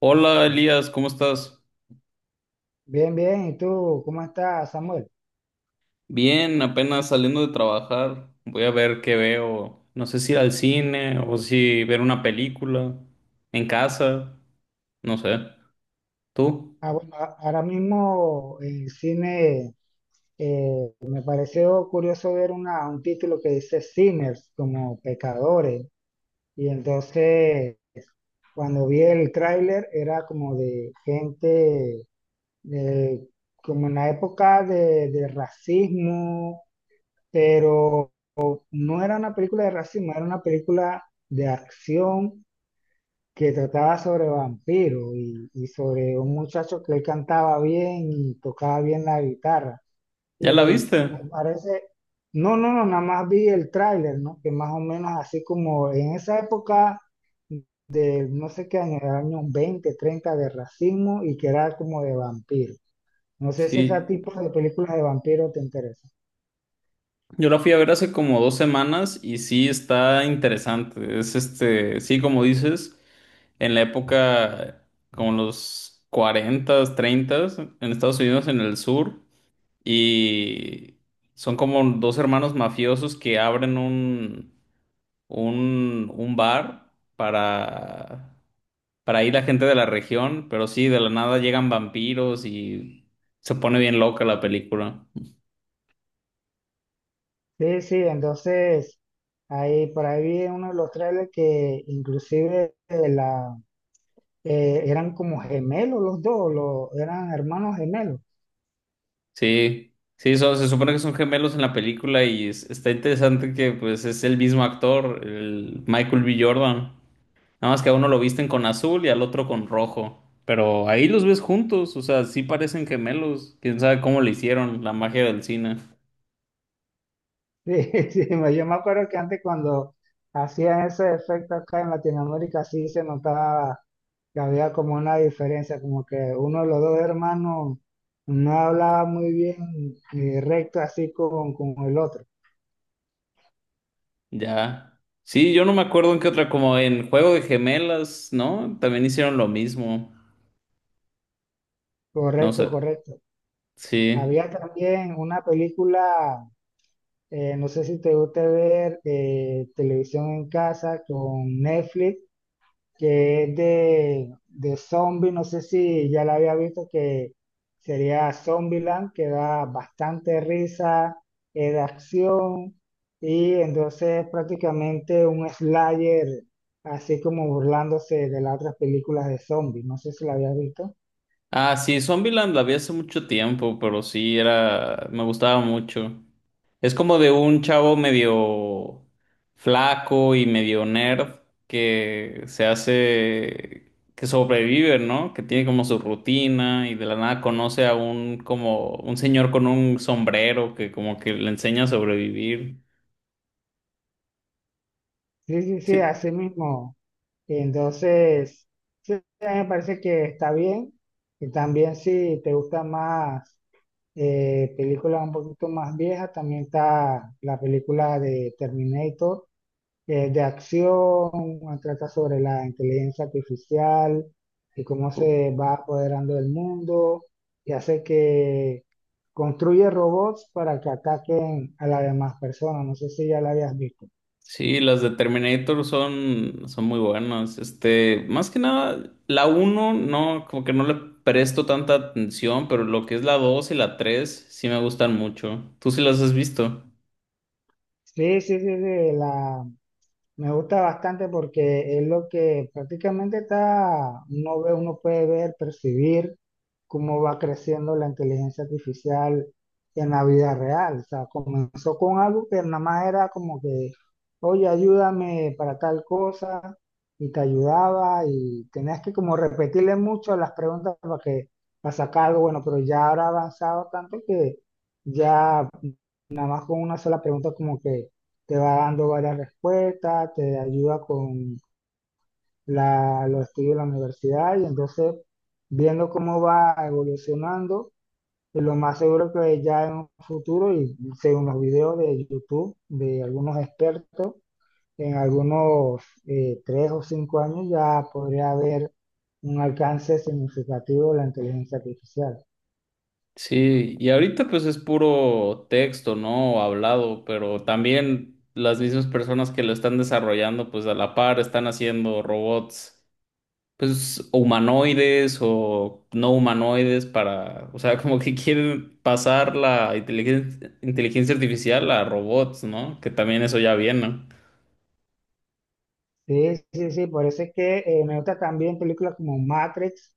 Hola Elías, ¿cómo estás? Bien, bien. ¿Y tú cómo estás, Samuel? Bien, apenas saliendo de trabajar. Voy a ver qué veo. No sé si ir al cine o si ver una película en casa. No sé. ¿Tú? Ahora mismo en cine me pareció curioso ver un título que dice Sinners, como pecadores. Y entonces cuando vi el tráiler era como de gente, de- como en la época de racismo, pero no era una película de racismo, era una película de acción que trataba sobre vampiros y sobre un muchacho que él cantaba bien y tocaba bien la guitarra. ¿Ya la Y me viste? parece, no, nada más vi el tráiler, ¿no? Que más o menos así como en esa época de no sé qué año, era año 20, 30 de racismo y que era como de vampiro. No sé si ese Sí. tipo de películas de vampiro te interesa. Yo la fui a ver hace como 2 semanas y sí está interesante. Es este, sí, como dices, en la época como los cuarentas treintas en Estados Unidos, en el sur. Y son como dos hermanos mafiosos que abren un bar para ir la gente de la región, pero sí, de la nada llegan vampiros y se pone bien loca la película. Sí, sí, entonces ahí por ahí vi en uno de los trailers que inclusive la eran como gemelos los dos, eran hermanos gemelos. Sí, sí, se supone que son gemelos en la película y está interesante que pues es el mismo actor, el Michael B. Jordan. Nada más que a uno lo visten con azul y al otro con rojo. Pero ahí los ves juntos, o sea, sí parecen gemelos. Quién sabe cómo le hicieron la magia del cine. Sí, sí, yo me acuerdo que antes cuando hacían ese efecto acá en Latinoamérica, sí se notaba que había como una diferencia, como que uno de los dos hermanos no hablaba muy bien recto así con el otro. Ya. Sí, yo no me acuerdo en qué otra, como en Juego de Gemelas, ¿no? También hicieron lo mismo. No sé. Correcto, correcto. Sí. Había también una película, no sé si te gusta ver televisión en casa con Netflix que es de zombie, no sé si ya la había visto, que sería Zombieland, que da bastante risa, es de acción, y entonces prácticamente un slasher, así como burlándose de las otras películas de zombies, no sé si la había visto. Ah, sí, Zombieland la vi hace mucho tiempo, pero sí era. Me gustaba mucho. Es como de un chavo medio flaco y medio nerd que se hace, que sobrevive, ¿no? Que tiene como su rutina y de la nada conoce a un como un señor con un sombrero que como que le enseña a sobrevivir. Sí, sí, sí, Sí, así mismo. Entonces, sí, a mí me parece que está bien, y también si te gusta más películas un poquito más viejas, también está la película de Terminator, de acción, trata sobre la inteligencia artificial y cómo u- se va apoderando del mundo y hace que construye robots para que ataquen a las demás personas. No sé si ya la habías visto. sí, las de Terminator son muy buenas. Este, más que nada, la uno no, como que no le presto tanta atención, pero lo que es la 2 y la 3 sí me gustan mucho. ¿Tú sí las has visto? Sí, sí, sí, sí, la, Me gusta bastante porque es lo que prácticamente está, uno ve, uno puede ver, percibir cómo va creciendo la inteligencia artificial en la vida real. O sea, comenzó con algo que nada más era como que, oye, ayúdame para tal cosa, y te ayudaba, y tenías que como repetirle mucho las preguntas para sacar algo bueno, pero ya ahora ha avanzado tanto que ya con una sola pregunta como que te va dando varias respuestas, te ayuda con los estudios de la universidad y entonces viendo cómo va evolucionando, lo más seguro que ya en un futuro y según los videos de YouTube de algunos expertos, en algunos tres o cinco años ya podría haber un alcance significativo de la inteligencia artificial. Sí, y ahorita pues es puro texto, ¿no? O hablado, pero también las mismas personas que lo están desarrollando, pues a la par están haciendo robots, pues humanoides o no humanoides para, o sea, como que quieren pasar la inteligencia artificial a robots, ¿no? Que también eso ya viene. ¿No? Sí, sí, sí, por eso es que me gusta también películas como Matrix,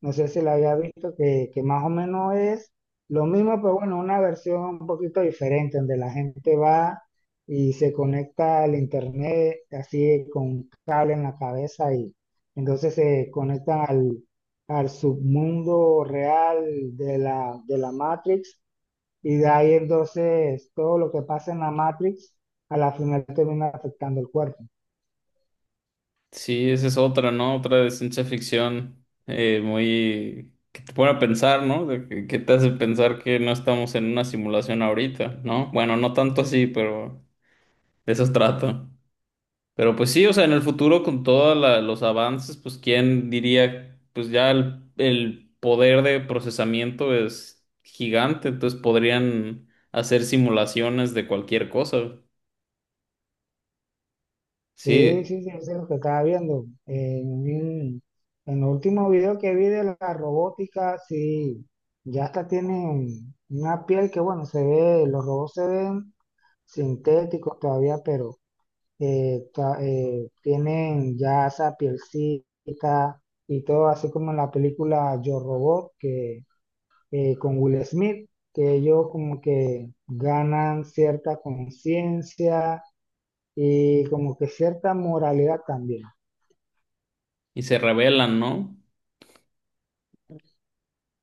no sé si la había visto, que más o menos es lo mismo, pero bueno, una versión un poquito diferente, donde la gente va y se conecta al internet así con un cable en la cabeza y entonces se conectan al submundo real de la Matrix y de ahí entonces todo lo que pasa en la Matrix a la final termina afectando el cuerpo. Sí, esa es otra, ¿no? Otra de ciencia ficción muy... que te pone a pensar, ¿no? De que te hace pensar que no estamos en una simulación ahorita, ¿no? Bueno, no tanto así, pero de eso trato. Pero pues sí, o sea, en el futuro con todos los avances, pues quién diría, pues ya el poder de procesamiento es gigante, entonces podrían hacer simulaciones de cualquier cosa. Sí, Sí, sí, sí, eso es lo que estaba viendo. En el último video que vi de la robótica, sí, ya hasta tienen una piel que, bueno, se ve, los robots se ven sintéticos todavía, pero tienen ya esa pielcita y todo, así como en la película Yo Robot, que con Will Smith, que ellos como que ganan cierta conciencia y como que cierta moralidad también. y se revelan, ¿no?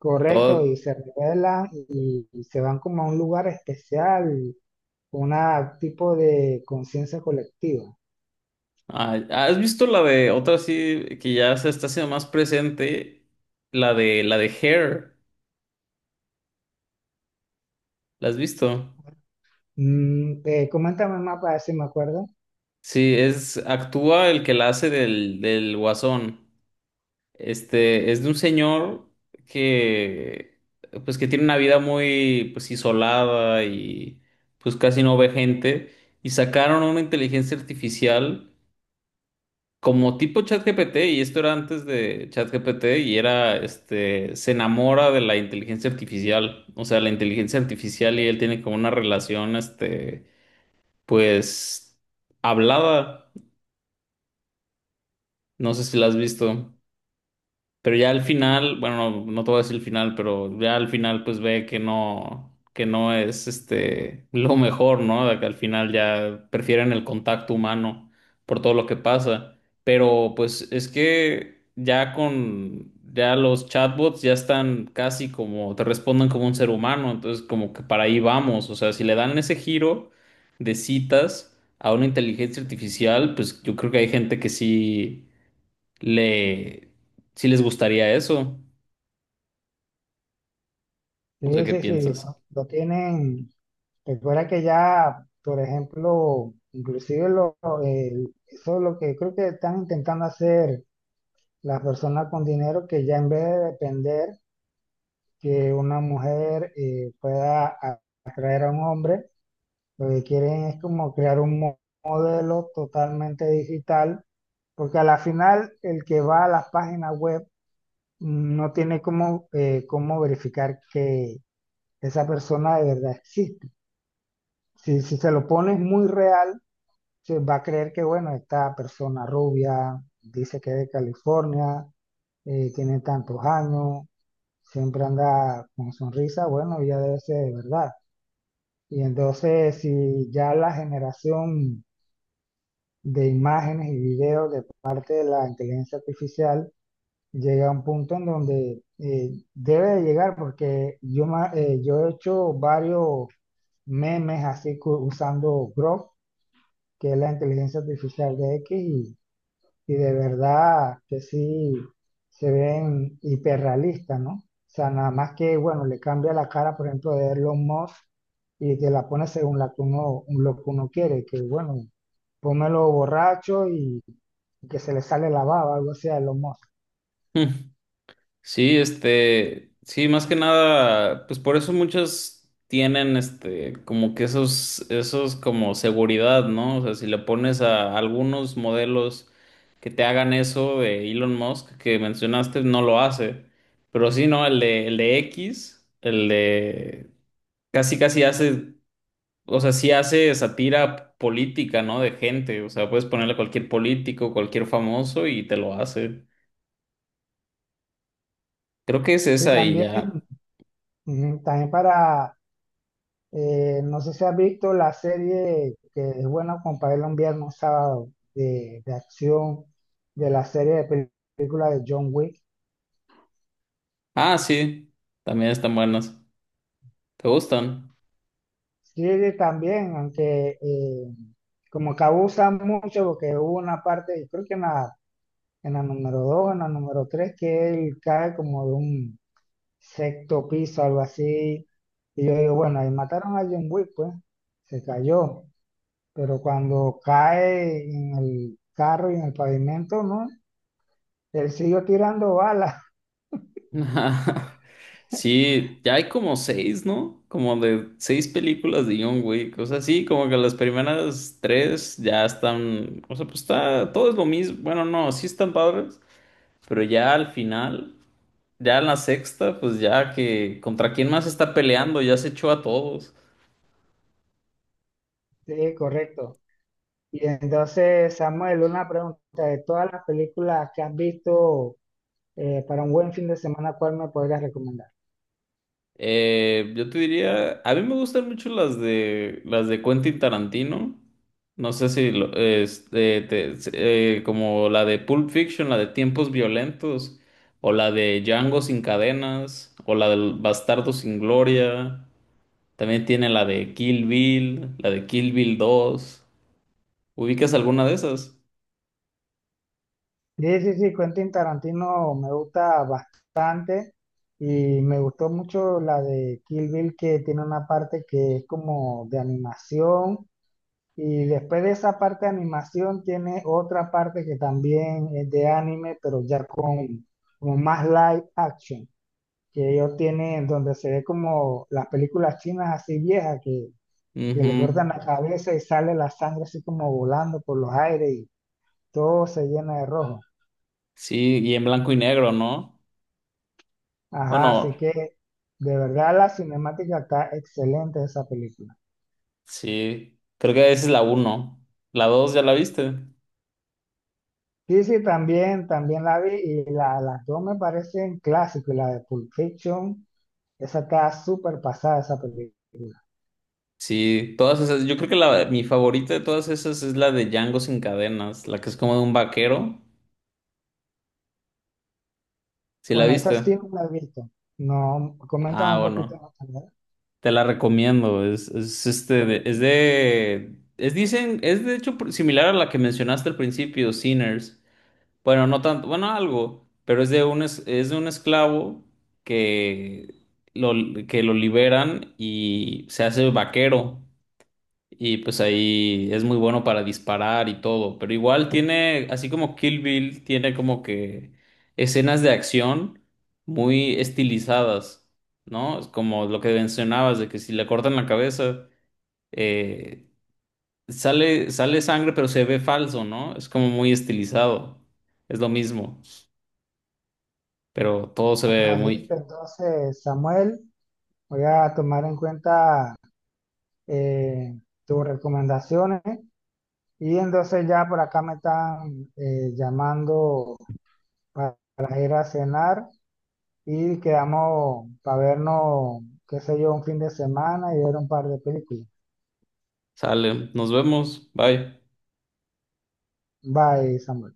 Correcto, y Todo. se revelan y se van como a un lugar especial, un tipo de conciencia colectiva. Ah, ¿has visto la de otra sí que ya se está haciendo más presente? La de Hair. ¿La has visto? Mm, coméntame más para ver si me acuerdo. Sí, es actúa el que la hace del Guasón. Este es de un señor que pues que tiene una vida muy pues isolada y pues casi no ve gente y sacaron una inteligencia artificial como tipo ChatGPT, y esto era antes de ChatGPT, y era, este, se enamora de la inteligencia artificial, o sea, la inteligencia artificial y él tiene como una relación, este, pues, hablada, no sé si la has visto. Pero ya al final, bueno, no, no te voy a decir el final, pero ya al final pues ve que no es este lo mejor, ¿no? De que al final ya prefieren el contacto humano por todo lo que pasa. Pero pues es que ya con, ya los chatbots ya están casi como, te responden como un ser humano, entonces como que para ahí vamos, o sea, si le dan ese giro de citas a una inteligencia artificial, pues yo creo que hay gente que sí le, si les gustaría eso. No sé Sí, qué sí, sí, piensas. Lo tienen. Recuerda que ya, por ejemplo, inclusive eso es lo que creo que están intentando hacer las personas con dinero, que ya en vez de depender que una mujer pueda atraer a un hombre, lo que quieren es como crear un modelo totalmente digital, porque a la final el que va a las páginas web no tiene cómo, cómo verificar que esa persona de verdad existe. Si, si se lo pones muy real, se va a creer que, bueno, esta persona rubia dice que es de California, tiene tantos años, siempre anda con sonrisa, bueno, ya debe ser de verdad. Y entonces, si ya la generación de imágenes y videos de parte de la inteligencia artificial llega a un punto en donde debe de llegar, porque yo he hecho varios memes así usando Grok, que es la inteligencia artificial de X, y de verdad que sí se ven hiperrealistas, ¿no? O sea, nada más que, bueno, le cambia la cara, por ejemplo, de Elon Musk y te la pone según la que uno, lo que uno quiere, que bueno, pónmelo borracho y que se le sale la baba, algo así de los mozos. Hmm. Sí, este, sí, más que nada, pues por eso muchos tienen, este, como que esos como seguridad, ¿no? O sea, si le pones a algunos modelos que te hagan eso de Elon Musk que mencionaste, no lo hace. Pero sí, ¿no? El de X, casi, casi hace. O sea, sí hace sátira política, ¿no? De gente. O sea, puedes ponerle a cualquier político, cualquier famoso y te lo hace. Creo que es Y esa y también, ya. ujú, también no sé si has visto la serie que es buena como para verla un viernes, un sábado, de acción, de la serie de película de John Wick. Ah, sí. También están buenas. ¿Te gustan? Sí, también, aunque como que abusan mucho, porque hubo una parte, creo que en la número 2 en la número 3 que él cae como de un sexto piso, algo así. Y yo digo, bueno, ahí mataron a John Wick, pues, se cayó. Pero cuando cae en el carro y en el pavimento, ¿no? Él siguió tirando balas. Sí, ya hay como seis, ¿no? Como de seis películas de John Wick. O sea, sí, como que las primeras tres ya están. O sea, pues está. Todo es lo mismo. Bueno, no, sí están padres. Pero ya al final. Ya en la sexta, pues ya que contra quién más está peleando, ya se echó a todos. Sí, correcto. Y entonces, Samuel, una pregunta, de todas las películas que has visto para un buen fin de semana, ¿cuál me podrías recomendar? Yo te diría, a mí me gustan mucho las de Quentin Tarantino. No sé si este, como la de Pulp Fiction, la de Tiempos Violentos, o la de Django sin cadenas, o la del Bastardo sin Gloria. También tiene la de Kill Bill, la de Kill Bill dos. ¿Ubicas alguna de esas? Sí, sí, sí, Quentin Tarantino me gusta bastante y me gustó mucho la de Kill Bill que tiene una parte que es como de animación y después de esa parte de animación tiene otra parte que también es de anime pero ya con como más live action que ellos tienen donde se ve como las películas chinas así viejas que Ujú. le cortan la cabeza y sale la sangre así como volando por los aires y todo se llena de rojo. Sí, y en blanco y negro, ¿no? Ajá, así Bueno, que de verdad la cinemática está excelente de esa película. sí, creo que esa es la uno. La dos ya la viste. Sí, sí, también, también la vi y las dos me parecen clásicos. Y la de Pulp Fiction, esa está súper pasada, esa película. Sí, todas esas, yo creo que la, mi favorita de todas esas es la de Django sin cadenas, la que es como de un vaquero. ¿Sí la Bueno, esa viste? sí no la he visto. No, coméntame Ah, un poquito bueno, más también. te la recomiendo. Es este, es dicen, es de hecho similar a la que mencionaste al principio, Sinners. Bueno, no tanto, bueno, algo, pero es de un esclavo que lo, que lo liberan y se hace vaquero. Y pues ahí es muy bueno para disparar y todo. Pero igual tiene, así como Kill Bill, tiene como que escenas de acción muy estilizadas, ¿no? Es como lo que mencionabas, de que si le cortan la cabeza, eh, sale sangre, pero se ve falso, ¿no? Es como muy estilizado. Es lo mismo, pero todo se ve Ajá, listo. muy... Entonces, Samuel, voy a tomar en cuenta eh, tus recomendaciones y entonces ya por acá me están llamando para ir a cenar. Y quedamos para vernos, qué sé yo, un fin de semana y ver un par de películas. Sale, nos vemos, bye. Bye, Samuel.